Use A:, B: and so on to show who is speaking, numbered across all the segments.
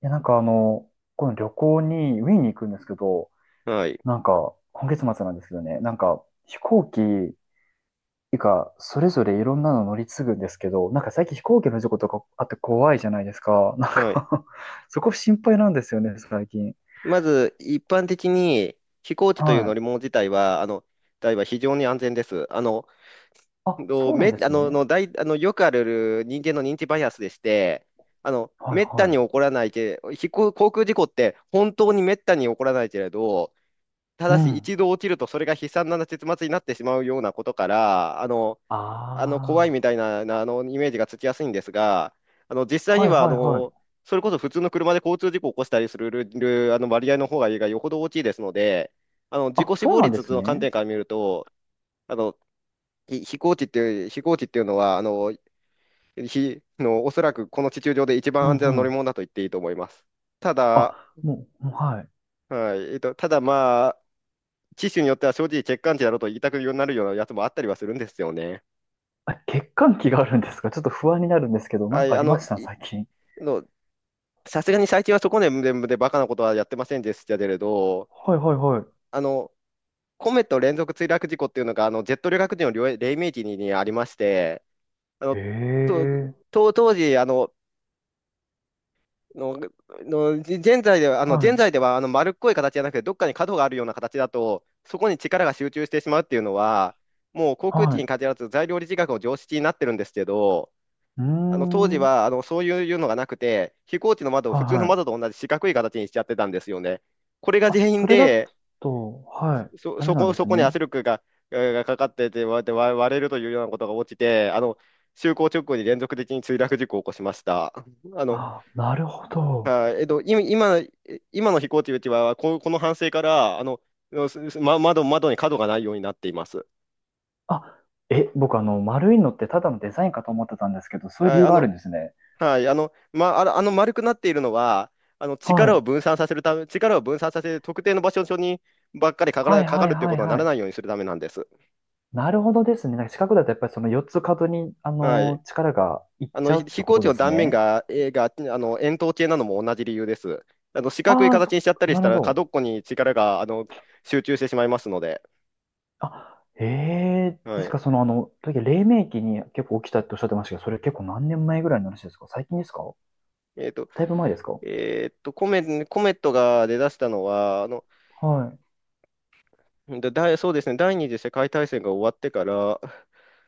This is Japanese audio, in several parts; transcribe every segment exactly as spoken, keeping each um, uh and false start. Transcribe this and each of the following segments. A: や、なんかあの、この旅行に、ウィーンに行くんですけど、
B: はい。
A: なんか、今月末なんですけどね、なんか、飛行機がそれぞれいろんなの乗り継ぐんですけど、なんか最近飛行機の事故とかあって怖いじゃないですか。なん
B: はい。
A: か そこ心配なんですよね、最近。
B: まず、一般的に飛行機という
A: は
B: 乗り
A: い。
B: 物自体は、あの、台は非常に安全です。あの、
A: あ、
B: どう
A: そうなん
B: め、
A: で
B: あ
A: す
B: の、
A: ね。
B: の大あの、よくある人間の認知バイアスでして、あの、
A: はい
B: めった
A: は
B: に起
A: い。
B: こらないけ、飛行、航空事故って本当にめったに起こらないけれど、た
A: う
B: だし
A: ん。
B: 一度起きるとそれが悲惨な結末になってしまうようなことから、あの、あの怖いみ
A: あ
B: たいな、なあのイメージがつきやすいんですが、あの実
A: あ、
B: 際に
A: はい
B: はあ
A: はいはい。
B: のそれこそ普通の車で交通事故を起こしたりするるるあの割合の方がよほど大きいですので、あの自
A: あ、
B: 己死
A: そう
B: 亡
A: なんで
B: 率
A: す
B: の観
A: ね。
B: 点から見ると、あのひ飛行機っていう、飛行機っていうのはあのひの、おそらくこの地球上で一
A: う
B: 番
A: ん
B: 安全
A: う
B: な乗り
A: ん。
B: 物だと言っていいと思います。ただ、
A: あ、もう、もうはい。
B: はい、えっと、ただ、まあ、機種によっては正直、欠陥値だろうと言いたくなるようなやつもあったりはするんですよね。
A: あ、欠陥期があるんですか？ちょっと不安になるんですけど、な
B: は
A: んか
B: い、
A: あ
B: あ
A: りま
B: の
A: した
B: い
A: 最近？
B: のさすがに最近はそこで全部でバカなことはやってませんでしたけれど、
A: はいはいは
B: あの、コメット連続墜落事故っていうのが、あの、ジェット旅客機の黎黎明期ににありまして、あ
A: い。
B: の、と、
A: ええ、
B: と当時、あの、の、の、じ現在では、あ
A: は
B: の、現
A: い、
B: 在では、あの、丸っこい形じゃなくて、どっかに角があるような形だと、そこに力が集中してしまうっていうのは、もう航空機
A: は
B: に
A: い。
B: 限らず材料力学の常識になってるんですけど、
A: うー
B: あの当時
A: ん、はい
B: はあのそういうのがなくて、飛行機の窓を普通の
A: はい。
B: 窓と同じ四角い形にしちゃってたんですよね。これが原
A: あ、そ
B: 因
A: れだ
B: で、
A: と、はい、
B: そ、
A: ダメ
B: そ
A: なん
B: こ、
A: で
B: そ
A: す
B: こに圧
A: ね。
B: 力が、えーがかかってて割れて割割れるというようなことが起きて、あの就航直後に連続的に墜落事故を起こしました。あの、
A: あ、なるほど。
B: あえっと、今、今今の飛行機うちはこ、この反省からあの、すすま、窓、窓に角がないようになっています。
A: あ、え、僕あの、丸いのってただのデザインかと思ってたんですけど、そういう理
B: あ、
A: 由
B: あ
A: があ
B: の
A: るんですね。
B: はい、あの、ま、あの、あの丸くなっているのは、あの
A: は
B: 力を
A: い。
B: 分散させるため、力を分散させて特定の場所にばっかりかか
A: は
B: ら
A: い
B: か
A: は
B: か
A: い
B: るっていう
A: は
B: こ
A: い
B: とはな
A: は
B: ら
A: い。
B: ないようにするためなんです。
A: なるほどですね。なんか四角だとやっぱりその四つ角に、あ
B: はい。
A: のー力がいっ
B: あ
A: ち
B: の、
A: ゃ
B: ひ
A: うって
B: 飛
A: こ
B: 行
A: と
B: 機
A: で
B: の
A: す
B: 断面
A: ね。
B: が、えーが、あの、円筒形なのも同じ理由です。あの、四角い
A: ああ、
B: 形
A: そ、
B: にしちゃったり
A: な
B: し
A: る
B: た
A: ほ
B: ら、角
A: ど。
B: っこに力が、あの、集中してしまいますので。
A: あ、ええで
B: は
A: す
B: い。
A: か？その、あの、時々黎明期に結構起きたっておっしゃってましたけど、それ結構何年前ぐらいの話ですか？最近ですか？
B: えっと、
A: だいぶ前ですか？
B: えっと、コメ、コメットが出だしたのは、あの、
A: はい。
B: だ、だいそうですね、第二次世界大戦が終わってから、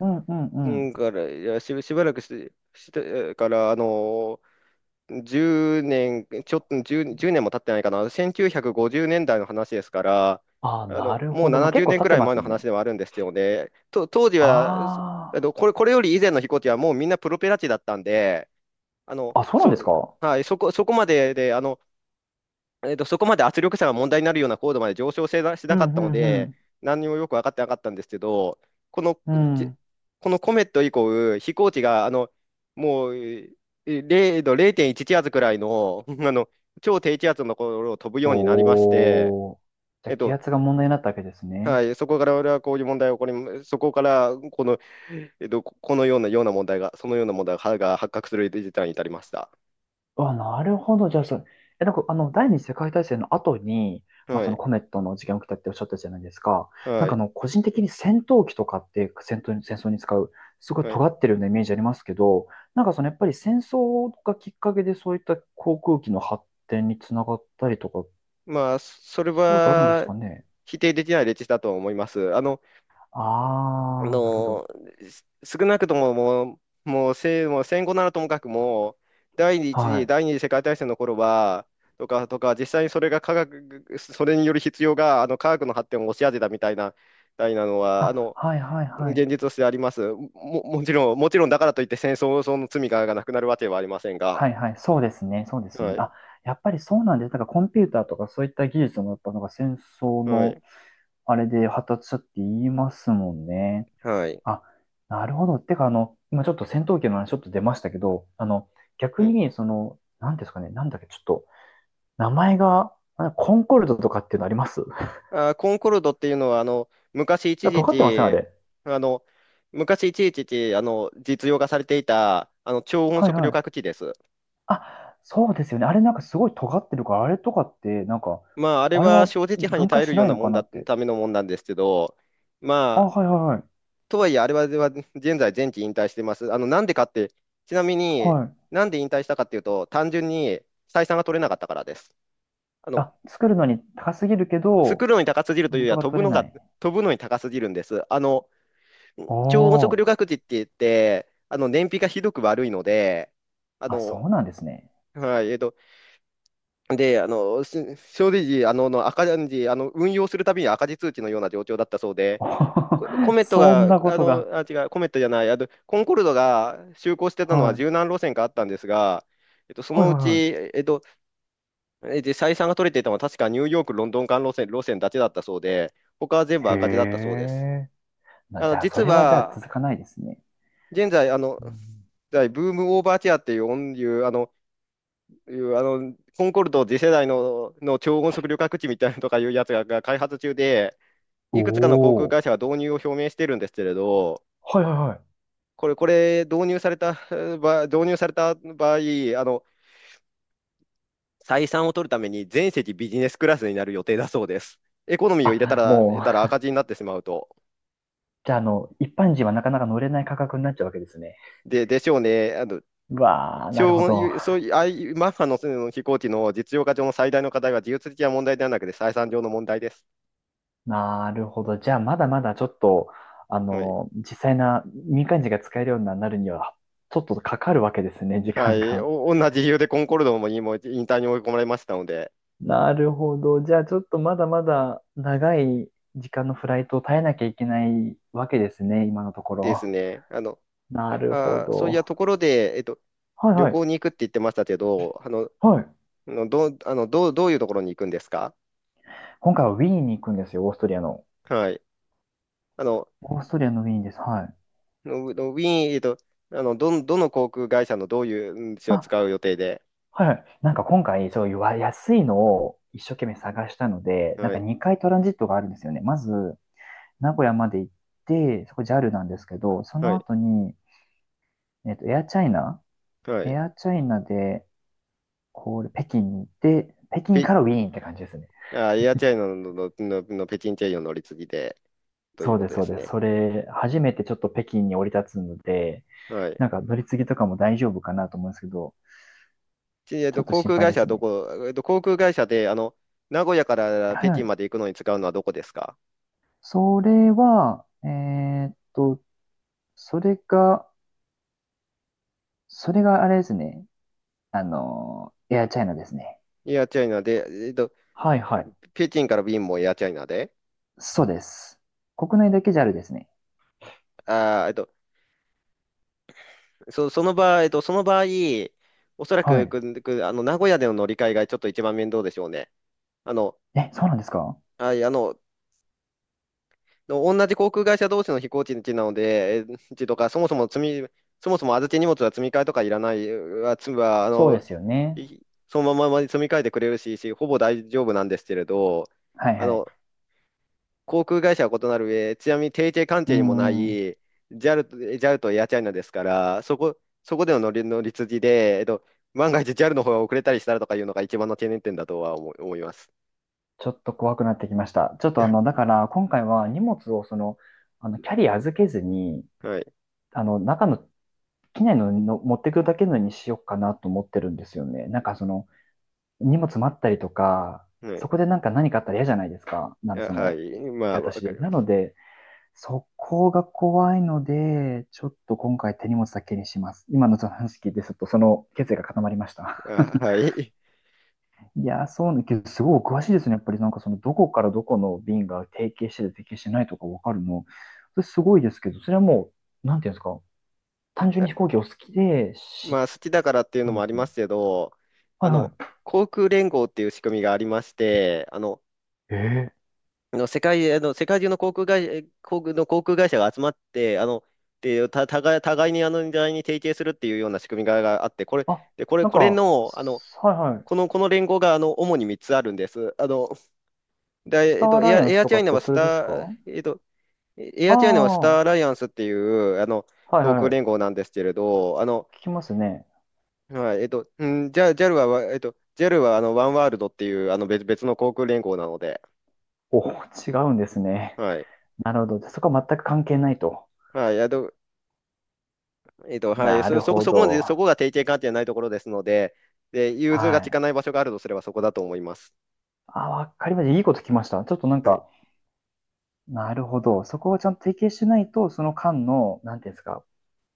A: うんうんう
B: う
A: ん。
B: んから、いや、し、しばらくし、してから、あのー、じゅうねん、ちょっとじゅう年も経ってないかな、せんきゅうひゃくごじゅうねんだいの話ですから、
A: ああ、
B: あ
A: な
B: の、
A: る
B: もう
A: ほど。まあ、
B: 70
A: 結構
B: 年
A: 経
B: く
A: っ
B: ら
A: て
B: い
A: ま
B: 前
A: す
B: の話
A: ね。
B: ではあるんですよね。と、当時は、すあの、
A: あ
B: これ、これより以前の飛行機はもうみんなプロペラ機だったんで、あの、
A: あ。あ、そうなんです
B: そ、
A: か？
B: はい、そこ、そこまでで、あの、えーと、そこまで圧力差が問題になるような高度まで上昇せなし
A: う
B: なかったの
A: んう
B: で、
A: ん
B: 何にもよく分かってなかったんですけど、この、
A: うん。う
B: じ
A: ん。
B: このコメット以降、飛行機があのもうえーれいど、れいてんいち気圧くらいの、あの超低気圧のところを飛ぶようになりまして、
A: おー。じゃ
B: え
A: あ、
B: っ
A: 気
B: と
A: 圧が問題になったわけですね。
B: はい、そこから俺はこういう問題が起こり、そこからこの、えっと、このような、ような問題が、そのような問題がが発覚する事態に至りました。
A: あ、なるほど。じゃあ、そう、え、なんか、あの、第二次世界大戦の後に、まあ、
B: は
A: その
B: い、
A: コメットの事件が起きたっておっしゃったじゃないですか。なん
B: は
A: か、あ
B: い、
A: の、個人的に戦闘機とかって戦闘に、戦争に使う、すごい
B: はい。
A: 尖ってるようなイメージありますけど、なんか、その、やっぱり戦争がきっかけで、そういった航空機の発展につながったりとか、
B: まあ、それ
A: そういうことあるんです
B: は
A: かね。
B: 否定できない歴史だと思います。あの、あ
A: ああ、なるほど。
B: の、す少なくとももう、もう、せ、もう戦後ならともかくも、第一
A: は
B: 次、
A: い。
B: 第二次世界大戦の頃は、とか、とか、実際にそれが科学、それによる必要が、あの、科学の発展を押し当てたみたいな、みたいなのは、あ
A: あ、
B: の、
A: はい、はい、はい。
B: 現実としてあります。も、もちろん、もちろんだからといって戦争の罪がなくなるわけはありません
A: は
B: が、
A: いはい、そうですね、そうですね。
B: はい、
A: あ、やっぱりそうなんです。だからコンピューターとかそういった技術もやっぱなんか戦争
B: は
A: の
B: い、
A: あれで発達したって言いますもんね。
B: はい。
A: あ、なるほど。てかあの、今ちょっと戦闘機の話ちょっと出ましたけど、あの、逆にその、なんですかね、なんだっけ、ちょっと、名前が、あコンコルドとかっていうのあります？
B: あー、コンコルドっていうのは、あの、昔 一時
A: 尖ってません、あ
B: 期、
A: れ。
B: あの、昔一時期、あの、実用化されていた、あの、超音
A: はい
B: 速
A: は
B: 旅
A: い。
B: 客機です。
A: あ、そうですよね。あれなんかすごい尖ってるから、あれとかって、なんか、
B: まあ、あれ
A: あれ
B: は
A: は
B: 小説波に
A: 分
B: 耐
A: 解
B: える
A: し
B: よう
A: ない
B: な
A: の
B: も
A: か
B: ん
A: な
B: だ、
A: って。
B: ためのもんなんですけど、
A: あ、
B: ま
A: はい
B: あ、
A: はいはい。
B: とはいえ、あれは、は現在、前期引退してます。あの、なんでかって、ちなみに、
A: はい。
B: なんで引退したかっていうと、単純に採算が取れなかったからです。あの、
A: あ、作るのに高すぎるけ
B: 作
A: ど、
B: るのに高すぎるというより
A: 元
B: は、
A: が
B: 飛
A: 取
B: ぶ
A: れ
B: の
A: な
B: が、
A: い。
B: 飛ぶのに高すぎるんです。あの、超音
A: お
B: 速旅
A: ー。
B: 客機って言って、あの、燃費がひどく悪いので、あ
A: あ、そ
B: の、
A: うなんですね。
B: はい、えっと、で、あの、す正直、あの、の赤字、あの、運用するたびに赤字通知のような状況だったそうで、
A: お
B: ココ
A: ー
B: メット
A: そん
B: が、
A: なこ
B: あ
A: と
B: の、
A: が。
B: あ、違う、コメットじゃない、あの、コンコルドが就航してたのは
A: は
B: 十
A: い。
B: 何路線かあったんですが、えっと、そ
A: はい
B: の
A: は
B: う
A: い
B: ち、
A: は
B: えっと、えで採算が取れていたのは確かニューヨーク、ロンドン間路線、路線だけだったそうで、他は
A: い。
B: 全部
A: へ
B: 赤字だったそうです。
A: え。まあ、
B: あ
A: じ
B: の
A: ゃあ、そ
B: 実
A: れはじゃあ
B: は、
A: 続かないですね。
B: 現在、あの、
A: うん。
B: 在ブームオーバーチェアっていう音、いう、あの、いう、あの、コンコルド次世代の、の超音速旅客機みたいなのとかいうやつが、が開発中で、いくつかの航空
A: おー。
B: 会社は導入を表明してるんですけれど、
A: はいはいはい。
B: これ、これ、導入された場、導入された場合、あの、採算を取るために全席ビジネスクラスになる予定だそうです。エコノミーを入れた
A: あ、
B: ら、入
A: も
B: れたら
A: う、
B: 赤字になってしまうと。
A: じゃあ、あの、一般人はなかなか乗れない価格になっちゃうわけですね。
B: で、でしょうね。あの、
A: うわー、なる
B: 超
A: ほど。
B: 音そういう、ああいうマッハのその飛行機の実用化上の最大の課題は技術的な問題ではなくて採算上の問題です。
A: なるほど。じゃあ、まだまだちょっと、あ
B: はい。
A: の、実際な民間人が使えるようになるには、ちょっとかかるわけですね、時
B: は
A: 間
B: い。
A: が。
B: お同じ理由でコンコルドも今も引退に追い込まれましたので、
A: なるほど。じゃあ、ちょっとまだまだ長い時間のフライトを耐えなきゃいけないわけですね、今のとこ
B: です
A: ろ。
B: ね。あの、
A: なるほ
B: あー、そういや
A: ど。
B: ところで、えっと、
A: はい
B: 旅
A: はい。
B: 行に行くって言ってましたけど、あの、
A: はい。
B: あのどう、あの、どう、どういうところに行くんですか？
A: 今回はウィーンに行くんですよ、オーストリアの。
B: はい。あの、
A: オーストリアのウィーンです。はい。
B: のウィーン、えっと、あの、どん、どの航空会社のどういううん使を
A: あ、
B: 使う予定で、
A: はいはい。なんか今回、そういうわ安いのを一生懸命探したので、なん
B: は
A: か
B: い。
A: にかいトランジットがあるんですよね。まず、名古屋まで行って、そこ ジャル なんですけど、そ
B: は
A: の
B: い。
A: 後に、えっと、エアチャイナ
B: は
A: エ
B: い。
A: アチャイナで、こう北京に行って、北京
B: ピ
A: からウィーンって感じですね。
B: あ、エアチャイナの、の、の、の北京チェイヨン乗り継ぎで、とい
A: そ
B: う
A: う
B: こ
A: で
B: と
A: す、
B: で
A: そう
B: す
A: です。
B: ね。
A: それ、初めてちょっと北京に降り立つので、
B: はい。
A: なんか乗り継ぎとかも大丈夫かなと思うんですけど、
B: ちえっ
A: ちょ
B: と、
A: っと
B: 航
A: 心
B: 空
A: 配
B: 会
A: で
B: 社は
A: す
B: ど
A: ね。
B: こ、えっと、航空会社で、あの、名古屋から北
A: は
B: 京
A: い。
B: まで行くのに使うのはどこですか？
A: それは、えーっと、それが、それがあれですね。あの、エアチャイナですね。
B: エアチャイナで、えっと、
A: はいはい。
B: 北京から便もエアチャイナで、
A: そうです。国内だけ ジャル ですね。
B: あー、えっと、そ、その場合、えっと、その場合、おそら
A: は
B: く、
A: い。
B: く、くあの、名古屋での乗り換えがちょっと一番面倒でしょうね。あの、
A: え、そうなんですか？
B: はい、あの、同じ航空会社同士の飛行地なので、え地とか、そもそも積み、そもそも預け荷物は積み替えとかいらない、は、つは、あ
A: そう
B: の、
A: ですよね。
B: いそのまま積み替えてくれるし、しほぼ大丈夫なんですけれど、
A: はい
B: あ
A: はい。
B: の、航空会社は異なる上、ちなみに提携関
A: う
B: 係にもない
A: ん。
B: ジャル と、j a とエアチャイナですから、そこ、そこでの乗り、乗り継ぎで、えっと、万が一 ジャル の方が遅れたりしたらとかいうのが一番の懸念点だとは思い、思います。
A: ちょっと怖くなってきました。ちょっとあの、だ から今回は荷物をその、あの、キャリー預けずに、
B: はい。
A: あの、中の、機内のの持ってくるだけのにしようかなと思ってるんですよね。なんかその、荷物待ったりとか、
B: は
A: そ
B: い。
A: こでなんか何かあったら嫌じゃないですか。なん
B: あ、
A: かそ
B: はい。
A: の、受
B: ま
A: け
B: あ、わ
A: 渡し
B: か
A: で。
B: りま
A: なの
B: す。
A: で、そこが怖いので、ちょっと今回手荷物だけにします。今のその話聞いて、ちょっとその決意が固まりました。
B: あ、はい。
A: いやー、そうね、けど、すごいお詳しいですね。やっぱりなんかその、どこからどこの便が提携してて提携してないとかわかるの。それすごいですけど、それはもう、なんていうんですか、単純に
B: え
A: 飛行機お好きで、
B: ま
A: し、
B: あ、好きだからっていう
A: な
B: の
A: ん
B: も
A: で
B: あ
A: す
B: り
A: かね？
B: ますけど、
A: は
B: あ
A: い
B: の、
A: は
B: 航空連合っていう仕組みがありまして、あの、
A: い。ええ。
B: あの世界、あの世界中の航空会社、航空の航空会社が集まって、あの、で、た、互い、互いにあの、互いに提携するっていうような仕組みががあって、これ、
A: あ、
B: で、これ、
A: なん
B: これ
A: か、
B: の、あの、
A: すはいはい。
B: この、この連合が、あの、主にみっつあるんです。あの、
A: ス
B: で、え
A: タ
B: っ
A: ーア
B: と、エ
A: ラ
B: ア、
A: イアン
B: エ
A: ス
B: ア
A: と
B: チャ
A: か
B: イ
A: っ
B: ナ
A: て
B: はス
A: それです
B: タ
A: か？
B: ー、えっと、エ
A: ああ、
B: アチャイナはスターア
A: は
B: ライアンスっていう、あの、
A: い
B: 航
A: は
B: 空連
A: い。
B: 合なんですけれど、あの、
A: 聞きますね。
B: はい、えっと、うん、じゃジ j ルは、わえっと、ジ a ルはあのワンワールドっていうあの別、別の航空連合なので、
A: お、違うんですね。
B: はい、
A: なるほど。そこは全く関係ないと。
B: はい、あと、えっと、はい、
A: な
B: そ、
A: る
B: そこ、
A: ほ
B: そこまで、
A: ど。
B: そこが提携関係ないところですので、で、融通
A: は
B: が利
A: い。
B: かない場所があるとすればそこだと思います。
A: あ、わかりました。いいこと聞きました。ちょっとなん
B: はい、
A: か、なるほど。そこをちゃんと提携しないと、その間の、なんていうんですか、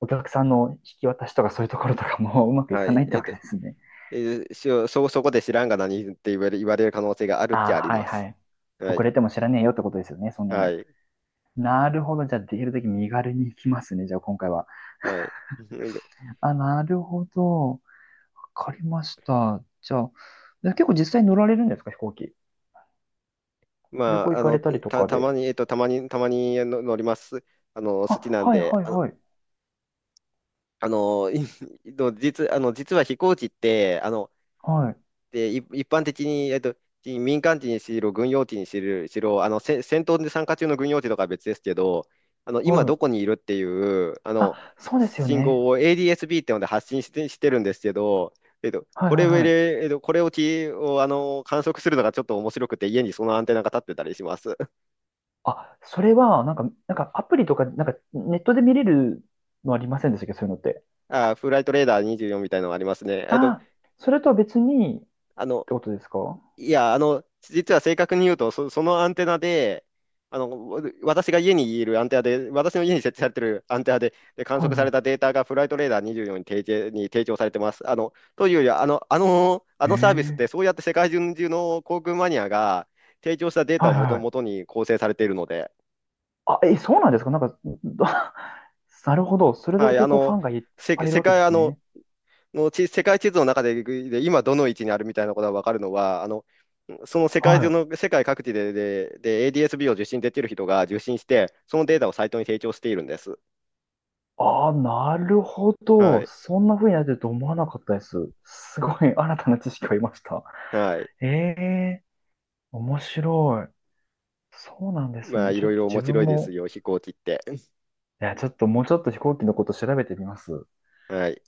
A: お客さんの引き渡しとかそういうところとかも うまくい
B: は
A: かな
B: い、
A: いって
B: えっ
A: わけ
B: と、
A: ですね。
B: えーしそ、そこで知らんが何って言われ、言われる可能性があるっ
A: あ
B: ち
A: あ、
B: ゃあり
A: はい
B: ま
A: は
B: す。
A: い。
B: は
A: 遅
B: い、
A: れても知らねえよってことですよね、そんな
B: は
A: の。
B: い、
A: なるほど。じゃあ、できるだけ身軽に行きますね、じゃあ今回は。
B: はい。えっと、
A: あ、なるほど。わかりました。じゃあ、で結構実際に乗られるんですか、飛行機。旅
B: ま
A: 行
B: あ、
A: 行
B: あ
A: かれ
B: の、
A: たりと
B: た、
A: か
B: たま
A: で。
B: に、えっと、たまに、たまにの乗ります。あの、好き
A: あ、
B: なん
A: はい
B: で、
A: はい
B: あの
A: はい。
B: あの、い の実、あの、実は飛行機って、あの、
A: はい。
B: で、い一般的に、えっと、民間機にしろ、軍用機にしろ、しろあの、せ戦闘で参加中の軍用機とかは別ですけど、あの、今
A: は
B: ど
A: い。
B: こにいるっていう、あの、
A: あ、そうですよ
B: 信
A: ね。
B: 号を エーディーエスビー ってので発信してしてるんですけど、えっと、
A: はい
B: こ
A: は
B: れ
A: い
B: を
A: はい。
B: えっと、これをき、を、あの、観測するのがちょっと面白くて、家にそのアンテナが立ってたりします。
A: あ、それは、なんか、なんかアプリとか、なんかネットで見れるのありませんでしたっけ、そういうのって。
B: あ、フライトレーダーにじゅうよんみたいなのがありますね。えっと、
A: あ、それとは別にっ
B: あの、
A: てことですか？は
B: いや、あの、実は正確に言うと、そ、そのアンテナで、あの、わ私が家にいるアンテナで、私の家に設置されてるアンテナで、で観
A: い
B: 測され
A: は
B: たデータがフライトレーダーにじゅうよんに提示、に提供されてます。あの、というよりは、あの、あの、あのサービスっ
A: い。ええ。
B: て、そうやって世界中の航空マニアが提供したデータ
A: は
B: を
A: い
B: も
A: はい
B: と、
A: は
B: もと
A: い。
B: に構成されているので、
A: あ、え、そうなんですか？なんか、なるほど。それ
B: は
A: だ
B: い、あ
A: けこうフ
B: の、
A: ァンがいっ
B: せ、
A: ぱいいる
B: 世
A: わけで
B: 界、あ
A: す
B: の、
A: ね。
B: の地世界地図の中で、で今どの位置にあるみたいなことが分かるのは、あの、その世界
A: は
B: 中
A: い。
B: の、世界各地で、で、で エーディーエスビー を受信できる人が受信して、そのデータをサイトに提供しているんです。
A: ああ、なるほ
B: は
A: ど。
B: い。
A: そんな風になってると思わなかったです。すごい新たな知識を得ました。
B: はい。
A: ええ。面白い。そうなんです
B: まあ、
A: ね。
B: い
A: ちょっ
B: ろい
A: と
B: ろ面
A: 自
B: 白
A: 分
B: いです
A: も、
B: よ、飛行機って。
A: いや、ちょっともうちょっと飛行機のこと調べてみます。
B: はい。